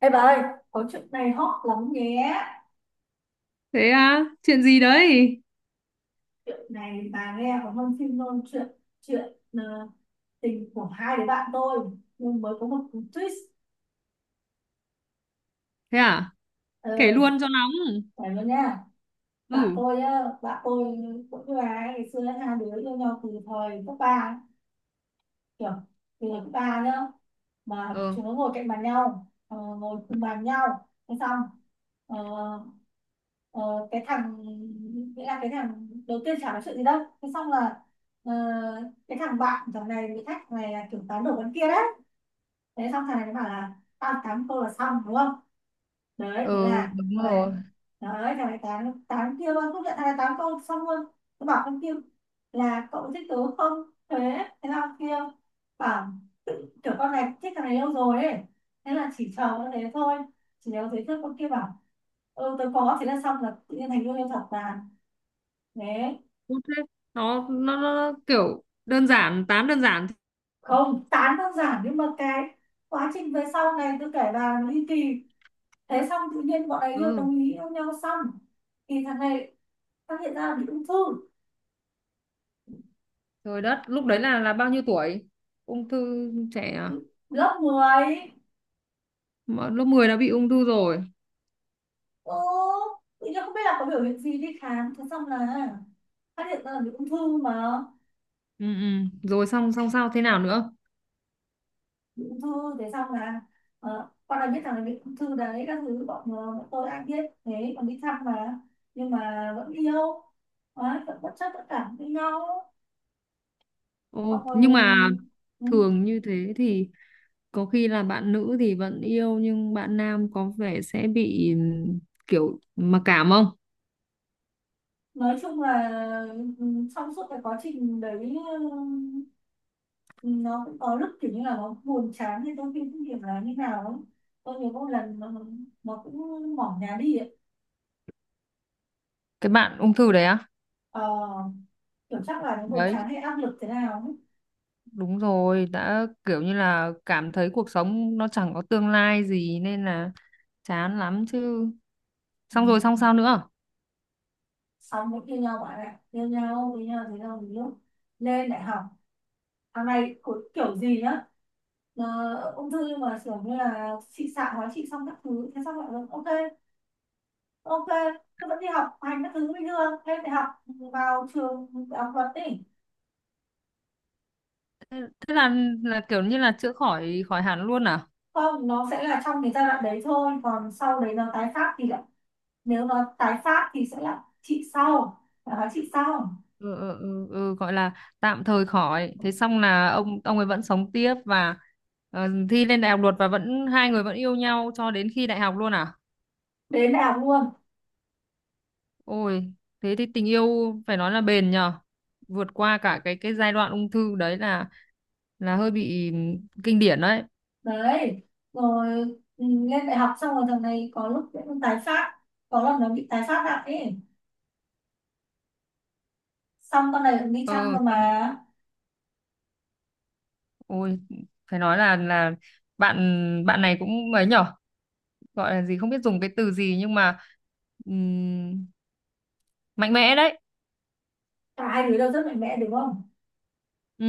Ê bà ơi, có chuyện này hot lắm nhé. Thế à? Chuyện gì đấy? Chuyện này bà nghe có hơn phim luôn. Chuyện chuyện ờ, tình của hai đứa bạn tôi, nhưng mới có một cú twist. Thế à? Kể Ờ, luôn cho nóng. phải luôn nha. Ừ. Bạn tôi cũng như bà ấy, ngày xưa hai đứa yêu nhau từ thời cấp ba, kiểu từ lớp ba nhá, mà ừ chúng nó ngồi cùng bàn nhau. Thế xong ờ, ờ, cái thằng, nghĩa là cái thằng đầu tiên chả nói chuyện gì đâu. Thế xong là ờ, cái thằng bạn thằng này bị thách này là kiểu tán đổ con kia đấy. Thế xong thằng này nó bảo là tao tám câu là xong, đúng không? Đấy, thế ừ, là đúng thằng rồi. này, đấy, thằng này tán tán kia luôn không nhận, thằng này tán câu xong luôn. Tôi bảo con kia là cậu thích tớ không? Thế, thế là con kia bảo, tự kiểu con này thích thằng này lâu rồi ấy, thế là chỉ chờ con đấy thôi, chỉ nếu thấy thức con kia bảo ừ tớ có. Thế là xong, là tự nhiên thành yêu em thật là, thế. Tốt thế. Nó kiểu đơn giản, tám đơn giản. Không, tán đơn giản nhưng mà cái quá trình về sau này tôi kể là ly kỳ. Thế xong tự nhiên bọn ấy yêu, Ừ. đồng ý yêu nhau xong thì thằng này phát hiện ra bị ung thư. Trời đất, lúc đấy là bao nhiêu tuổi? Ung thư trẻ à? Lớp 10. Mà lớp 10 đã bị ung thư rồi. Ừ, tự nhiên không biết là có biểu hiện gì đi khám, thế xong là phát hiện ra là bị ung thư mà. Ừ. Rồi, xong xong sao thế nào nữa? Bị ung thư thế xong là, con đã biết rằng là bị ung thư đấy các thứ, bọn tôi ai biết thế còn đi thăm mà, nhưng mà vẫn yêu. Đấy, vẫn bất chấp tất cả với nhau. bọn Ồ, ờ, nhưng mà ừ, thường như thế thì có khi là bạn nữ thì vẫn yêu nhưng bạn nam có vẻ sẽ bị kiểu mặc cảm không? nói chung là, ừ, ừ, trong suốt cái quá trình đấy, ừ, nó cũng có lúc kiểu như là nó buồn chán hay tôi phim điểm là như nào ấy. Tôi nhớ một lần nó cũng bỏ nhà đi ấy. Cái bạn ung thư đấy á? Ờ, kiểu chắc là nó buồn Đấy, chán hay áp lực thế nào ấy. đúng rồi, đã kiểu như là cảm thấy cuộc sống nó chẳng có tương lai gì nên là chán lắm chứ. Ừ. Xong rồi xong sao nữa? Xong cũng yêu nhau bạn ạ, yêu nhau với nhau thế nào thì lúc lên đại học thằng này cũng kiểu gì nhá. Ờ, ung thư nhưng mà kiểu như là chị xạ hóa trị xong các thứ. Thế xong lại nói, ok, ok, thế vẫn đi học hành các thứ bình thường, lên đại học, vào trường đại học luật đi. Thế là kiểu như là chữa khỏi, khỏi hẳn luôn à? Không, nó sẽ là trong cái giai đoạn đấy thôi, còn sau đấy nó tái phát thì lại, nếu nó tái phát thì sẽ là trị sau là hóa trị sau. Ừ, gọi là tạm thời khỏi. Thế xong là ông ấy vẫn sống tiếp và thi lên đại học luật và vẫn hai người vẫn yêu nhau cho đến khi đại học luôn à? Đến đại học luôn. Ôi, thế thì tình yêu phải nói là bền nhờ. Vượt qua cả cái giai đoạn ung thư đấy là hơi bị kinh điển đấy. Đấy rồi, ừ, lên đại học xong rồi thằng này có lúc cũng tái phát, có lần nó bị tái phát lại ấy, xong con này cũng đi chăm Ờ, cơ xong mà. ôi, phải nói là bạn bạn này cũng ấy nhở, gọi là gì không biết dùng cái từ gì nhưng mà ừm, mạnh mẽ đấy. Cả hai đứa đều rất mạnh mẽ, đúng không? Ừ,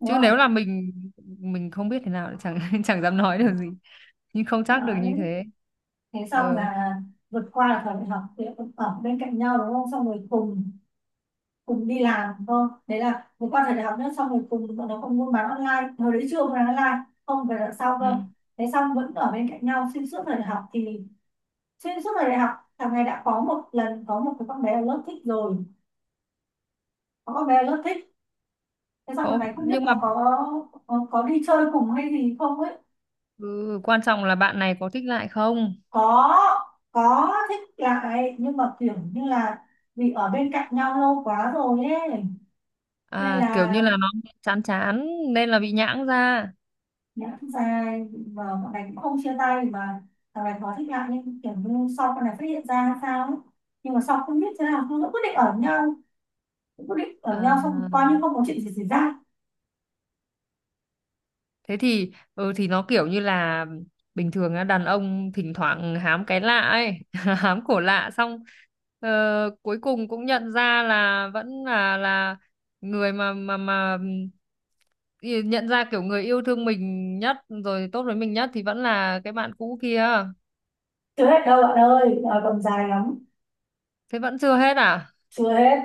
Đúng chứ nếu không? là mình không biết thế nào thì chẳng chẳng dám nói được gì, nhưng không chắc được như Đấy. thế. Thế xong Ờ. là vượt qua là thời đại học thì cũng ở bên cạnh nhau đúng không, xong rồi cùng cùng đi làm thôi. Đấy là một quan thời đại học nữa, xong rồi cùng bọn nó còn buôn bán online, hồi đấy chưa buôn bán online, không phải đợt sau Ừ. cơ. Thế xong vẫn ở bên cạnh nhau xuyên suốt thời đại học thì, xuyên suốt thời đại học thằng này đã có một lần, có một cái con bé ở lớp thích rồi, có con bé ở lớp thích. Thế xong thằng Có, này không biết nhưng mà. là có, có đi chơi cùng hay gì không ấy. Ừ, quan trọng là bạn này có thích lại không? có có thích lại nhưng mà kiểu như là vì ở bên cạnh nhau lâu quá rồi ấy nên À, kiểu như là là nó chán chán nên là bị nhãng ra. nhận dài, và bọn này cũng không chia tay mà. Thằng này có thích lại nhưng kiểu như sau con này phát hiện ra sao ấy. Nhưng mà sau không biết thế nào cứ quyết định ở nhau quyết định ở À, nhau xong coi như không có chuyện gì xảy ra. thế thì thì nó kiểu như là bình thường á, đàn ông thỉnh thoảng hám cái lạ ấy, hám cổ lạ xong ờ, cuối cùng cũng nhận ra là vẫn là người mà ý- nhận ra kiểu người yêu thương mình nhất rồi tốt với mình nhất thì vẫn là cái bạn cũ kia. Chưa hết đâu bạn ơi, đời còn dài lắm. Thế vẫn chưa hết à? Chưa hết.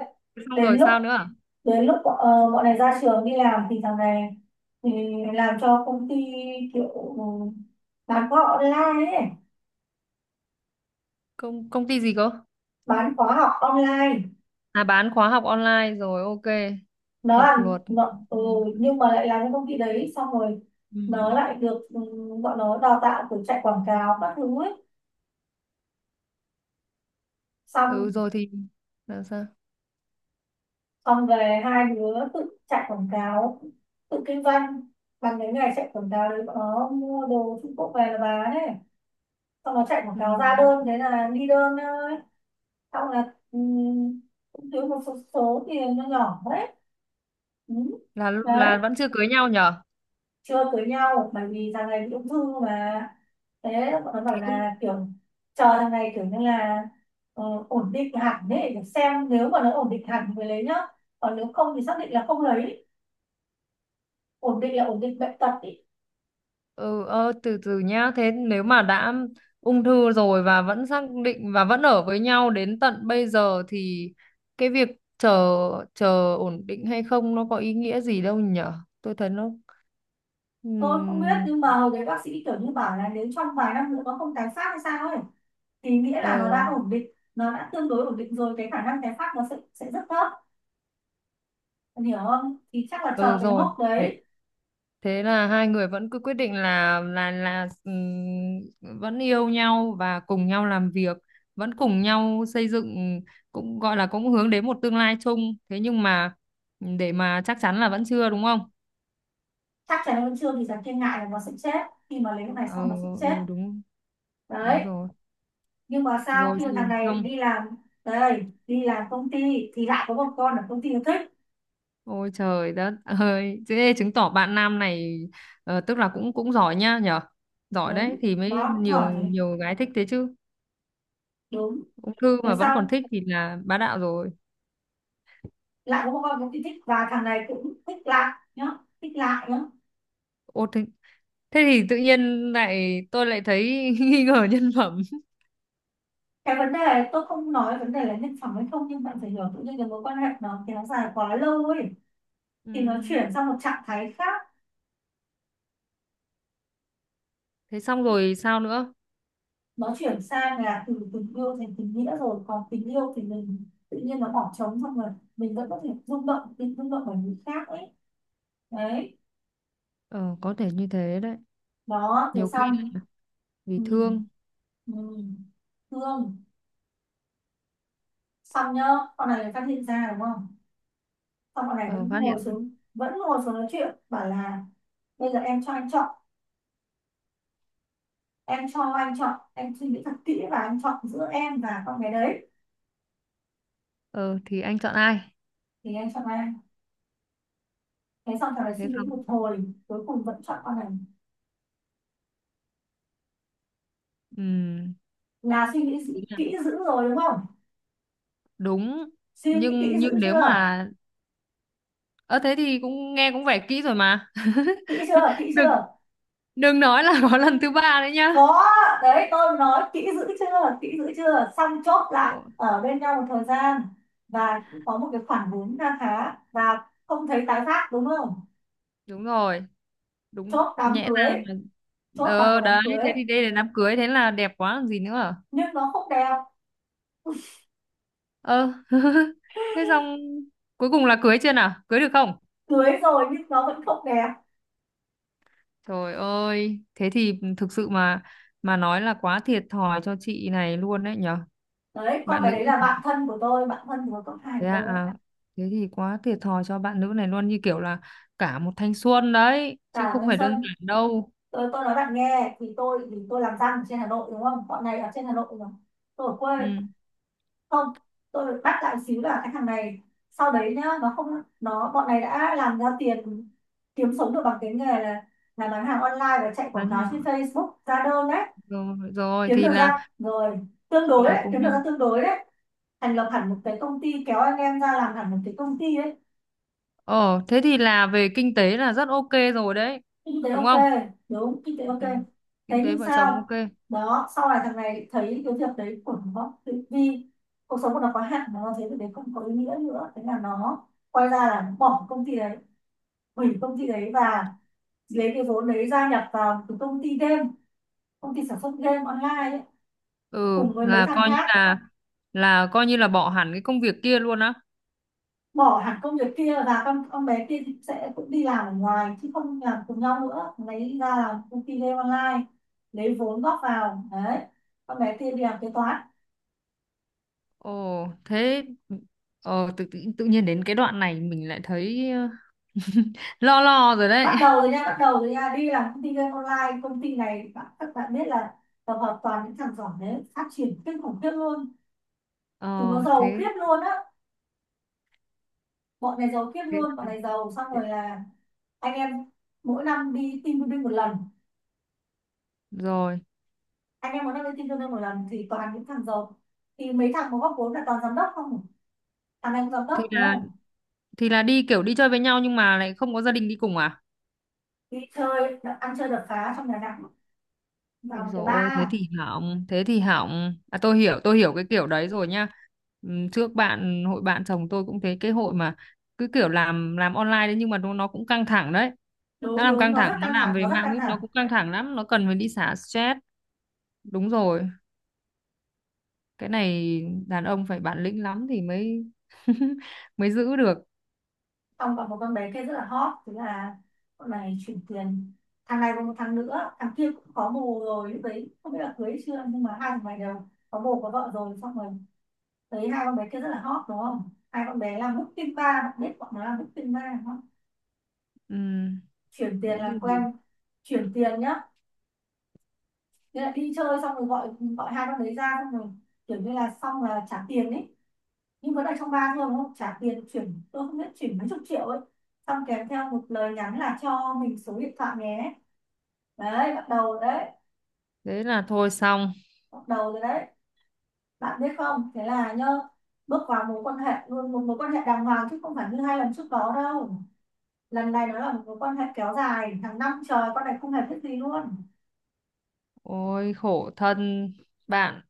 Xong Đến rồi lúc, sao nữa à? đến lúc bọn này ra trường đi làm thì thằng này, thì làm cho công ty kiểu bán khóa online ấy, Công công ty gì cơ? bán khóa học online. À, bán khóa học online rồi, ok. Nó Học làm luật. nó, nhưng mà lại làm cho công ty đấy xong rồi Ừ. nó lại được, bọn nó đào tạo từ chạy quảng cáo các thứ ấy. Ừ Xong, rồi thì là sao? xong về hai đứa tự chạy quảng cáo, tự kinh doanh, bằng cái ngày chạy quảng cáo đấy bọn nó mua đồ Trung Quốc về là bán ấy. Xong nó chạy quảng Ừ. cáo ra đơn thế là đi đơn thôi. Xong là, cũng thiếu một số, số tiền nó nhỏ đấy. Ừ. Là Đấy, vẫn chưa cưới nhau nhở? chưa cưới nhau bởi vì thằng này bị ung thư mà. Thế bọn nó bảo Cũng là kiểu chờ thằng này kiểu như là, ờ, ổn định hẳn ấy, để xem nếu mà nó ổn định hẳn thì mới lấy nhá, còn nếu không thì xác định là không lấy. Ổn định là ổn định bệnh tật ấy. ừ ờ, từ từ nhá. Thế nếu mà đã ung thư rồi và vẫn xác định và vẫn ở với nhau đến tận bây giờ thì cái việc chờ chờ ổn định hay không nó có ý nghĩa gì đâu nhở? Tôi thấy nó ừ, Tôi không biết nhưng mà hồi đấy bác sĩ kiểu như bảo là nếu trong vài năm nữa nó không tái phát hay sao ấy, thì nghĩa là nó ờ. đã ổn định, nó đã tương đối ổn định rồi, cái khả năng tái phát nó sẽ rất thấp. Em hiểu không, thì chắc là chờ Ừ cái rồi. mốc đấy. Thế là hai người vẫn cứ quyết định là là vẫn yêu nhau và cùng nhau làm việc, vẫn cùng nhau xây dựng cũng gọi là cũng hướng đến một tương lai chung. Thế nhưng mà để mà chắc chắn là vẫn chưa đúng không? Chắc chắn là vẫn chưa thì chẳng thiên ngại là nó sẽ chết, khi mà lấy cái này Ờ xong nó sẽ chết. ừ, đúng đúng Đấy. rồi. Nhưng mà sao Rồi khi mà gì thằng này không? đi làm, đây đi làm công ty thì lại có một con ở công ty nó thích. Ôi trời đất ơi, thế chứng tỏ bạn nam này tức là cũng cũng giỏi nhá nhở. Giỏi đấy Đúng, thì mới nó cũng nhiều giỏi đấy. nhiều gái thích thế chứ. Đúng. Ung thư Thế mà vẫn xong còn thích thì là bá đạo rồi. lại có một con công ty thích và thằng này cũng thích lại nhá, thích lại nhá. Ô thế, thế thì tự nhiên tôi lại thấy nghi ngờ nhân phẩm. Cái vấn đề, tôi không nói vấn đề là nhân phẩm hay không, nhưng bạn phải hiểu tự nhiên cái mối quan hệ nó kéo dài quá lâu ấy thì nó chuyển Ừ. sang một trạng thái khác. Thế xong rồi sao nữa? Nó chuyển sang là từ tình yêu thành tình nghĩa rồi, còn tình yêu thì mình tự nhiên nó bỏ trống xong rồi, mình vẫn có thể rung động, rung động bởi người khác ấy. Đấy. Ờ, có thể như thế đấy. Đó. Thế Nhiều khi xong lại vì ừ, thương. ừ. Hương, xong nhá, con này phát hiện ra đúng không, xong con này Ờ, vẫn phát hiện. ngồi xuống, vẫn ngồi xuống nói chuyện bảo là bây giờ em cho anh chọn, em cho anh chọn, em suy nghĩ thật kỹ và anh chọn giữa em và con bé đấy Ờ thì anh chọn ai? thì anh chọn ai. Thế xong thằng này suy Thế nghĩ xong. một hồi, cuối cùng vẫn chọn con này. Ừ. Là suy nghĩ Ý là kỹ dữ rồi đúng không, đúng. suy nghĩ kỹ Nhưng dữ nếu chưa, mà ờ thế thì cũng nghe cũng vẻ kỹ rồi mà. kỹ chưa, kỹ Đừng, chưa? đừng nói là có lần thứ ba đấy nhá. Có. Đấy tôi nói kỹ dữ chưa, kỹ dữ chưa, xong chốt Ồ, lại ở bên nhau một thời gian và cũng có một cái khoản vốn kha khá và không thấy tái phát, đúng không? đúng rồi, đúng Chốt đám nhẽ ra cưới, là. chốt bằng một Ờ đám đấy, cưới. thế thì đây là đám cưới thế là đẹp quá còn gì nữa. Nhưng nó không đẹp. Ờ. Thế xong cuối cùng là cưới chưa nào? Cưới được không? Cưới rồi nhưng nó vẫn không đẹp. Trời ơi, thế thì thực sự mà nói là quá thiệt thòi cho chị này luôn đấy nhở. Đấy, con Bạn bé nữ đấy là này. bạn thân của tôi, bạn thân của con hai Thế của à, tôi đấy. à, thế thì quá thiệt thòi cho bạn nữ này luôn như kiểu là cả một thanh xuân đấy chứ Cả không Nguyên phải đơn Xuân. giản đâu. Tôi nói bạn nghe thì tôi, thì tôi làm răng ở trên Hà Nội đúng không, bọn này ở trên Hà Nội rồi, tôi ở quê. Ừ. Không, tôi được bắt lại xíu là cái thằng này sau đấy nhá, nó không, nó bọn này đã làm ra tiền, kiếm sống được bằng cái nghề là bán hàng online và chạy Đấy quảng cáo trên nhở. Facebook ra đơn đấy. Rồi, rồi Kiếm thì được ra, là rồi, tương cùng đối làm đấy, cùng kiếm được nhau. ra tương đối đấy. Thành lập hẳn một cái công ty, kéo anh em ra làm hẳn một cái công ty đấy. Ờ, thế thì là về kinh tế là rất ok rồi đấy. Kinh tế Đúng ok. không? Đúng, kinh tế ok. Ừ. Thế Kinh tế nhưng vợ chồng sao, ok. đó sau này thằng này thấy cái việc đấy của nó, vì cuộc sống của nó có hạn, nó thấy việc đấy không có ý nghĩa nữa, thế là nó quay ra là nó bỏ công ty đấy, hủy công ty đấy, và lấy cái vốn đấy gia nhập vào cái công ty game, công ty sản xuất game online ấy, Ừ, cùng với mấy là thằng coi như khác. Là coi như là bỏ hẳn cái công việc kia luôn á. Bỏ hẳn công việc kia và con bé kia sẽ cũng đi làm ở ngoài chứ không làm cùng nhau nữa, lấy ra làm công ty game online, lấy vốn góp vào đấy, con bé kia đi làm kế toán. Ồ thế. Ờ tự, tự nhiên đến cái đoạn này mình lại thấy ờ, lo lo rồi đấy. Bắt đầu rồi nha, bắt đầu rồi nha. Đi làm công ty game online, công ty này các bạn biết là tập hợp toàn những thằng giỏi đấy, phát triển kinh khủng khiếp luôn, chúng nó Ờ giàu thế. khiếp luôn á. Bọn này giàu khiếp Thế luôn, bọn là-. này giàu xong rồi là anh em mỗi năm đi team building một lần, Rồi anh em muốn đăng lên tin tương đương một lần thì toàn những thằng giàu, thì mấy thằng có góp vốn là toàn giám đốc không, thằng này cũng giám thì đốc đúng là không. thì là đi kiểu đi chơi với nhau nhưng mà lại không có gia đình đi cùng à? Đi chơi ăn chơi đập phá trong nhà nặng, vào Ôi một dồi cái ôi, thế ba. thì hỏng, thế thì hỏng. À tôi hiểu cái kiểu đấy rồi nhá. Trước bạn hội bạn chồng tôi cũng thế, cái hội mà cứ kiểu làm online đấy nhưng mà nó cũng căng thẳng đấy. Nó Đúng, làm đúng căng nó thẳng, rất nó căng làm thẳng, về nó rất mạng căng web nó thẳng. cũng căng thẳng lắm, nó cần phải đi xả stress. Đúng rồi, cái này đàn ông phải bản lĩnh lắm thì mới mới giữ được. Xong còn một con bé kia rất là hot thế là con này chuyển tiền. Thằng này còn một thằng nữa, thằng kia cũng có bồ rồi, lúc đấy không biết là cưới chưa, nhưng mà hai thằng này đều có bồ có vợ rồi. Xong rồi thấy hai con bé kia rất là hot đúng không, hai con bé làm booking bar, bạn biết bọn nó làm booking bar đúng không. Ừm, Chuyển thế tiền làm quen, thì chuyển tiền nhá, nên là đi chơi xong rồi gọi gọi hai con đấy ra, xong rồi kiểu như là xong là trả tiền ấy, nhưng vẫn là trong ba thôi đúng không, trả tiền chuyển, tôi không biết chuyển mấy chục triệu ấy, xong kèm theo một lời nhắn là cho mình số điện thoại nhé. Đấy, bắt đầu rồi đấy, thế là thôi xong. bắt đầu rồi đấy. Bạn biết không, thế là nhá, bước vào mối quan hệ luôn, một mối quan hệ đàng hoàng chứ không phải như hai lần trước đó đâu, lần này nó là một mối quan hệ kéo dài hàng năm trời, con này không hề biết gì luôn. Ôi khổ thân bạn,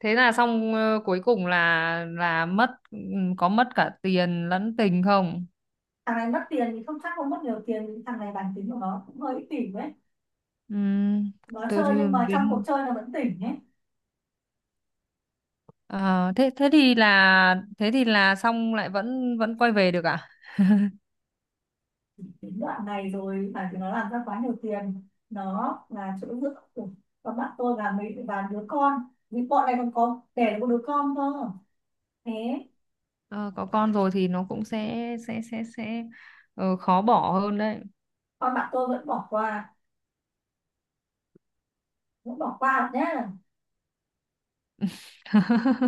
thế là xong ờ, cuối cùng là mất, có mất cả tiền lẫn tình không? Thằng này mất tiền thì không, chắc không mất nhiều tiền, thằng này bản tính của nó cũng hơi ích kỷ ấy, Ừm, nó từ chơi nhưng từ-. mà trong cuộc Đến chơi nó vẫn tỉnh ấy. ờ, thế thế thì là xong lại vẫn vẫn quay về được à? Đến đoạn này rồi phải, thì nó làm ra quá nhiều tiền, nó là chỗ dựa của các bạn tôi và mấy và đứa con, vì bọn này còn có đẻ được một đứa con cơ. Thế Ờ, có con rồi thì nó cũng sẽ ờ, khó bỏ hơn đấy. con bạn tôi vẫn bỏ qua, vẫn bỏ qua nhé.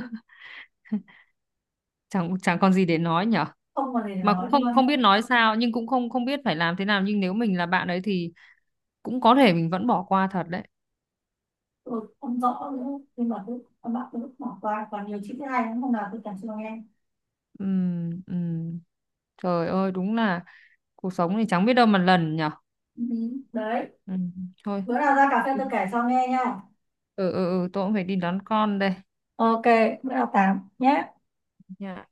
chẳng chẳng còn gì để nói nhở. Không còn gì để Mà cũng nói không luôn. không biết nói sao nhưng cũng không không biết phải làm thế nào nhưng nếu mình là bạn ấy thì cũng có thể mình vẫn bỏ qua thật đấy. Tôi không rõ nữa, nhưng mà cứ con bạn tôi vẫn bỏ qua, còn nhiều chuyện hay lắm, hôm nào tôi kể cho nghe. Ừm. Trời ơi đúng là cuộc sống thì chẳng biết đâu mà lần nhở. Ừ, đấy, Ừ, thôi. bữa nào ra cà phê Ừ, tôi kể cho nghe nha. ừ, ừ, tôi cũng phải đi đón con đây. Ok, bữa nào tám nhé. Dạ.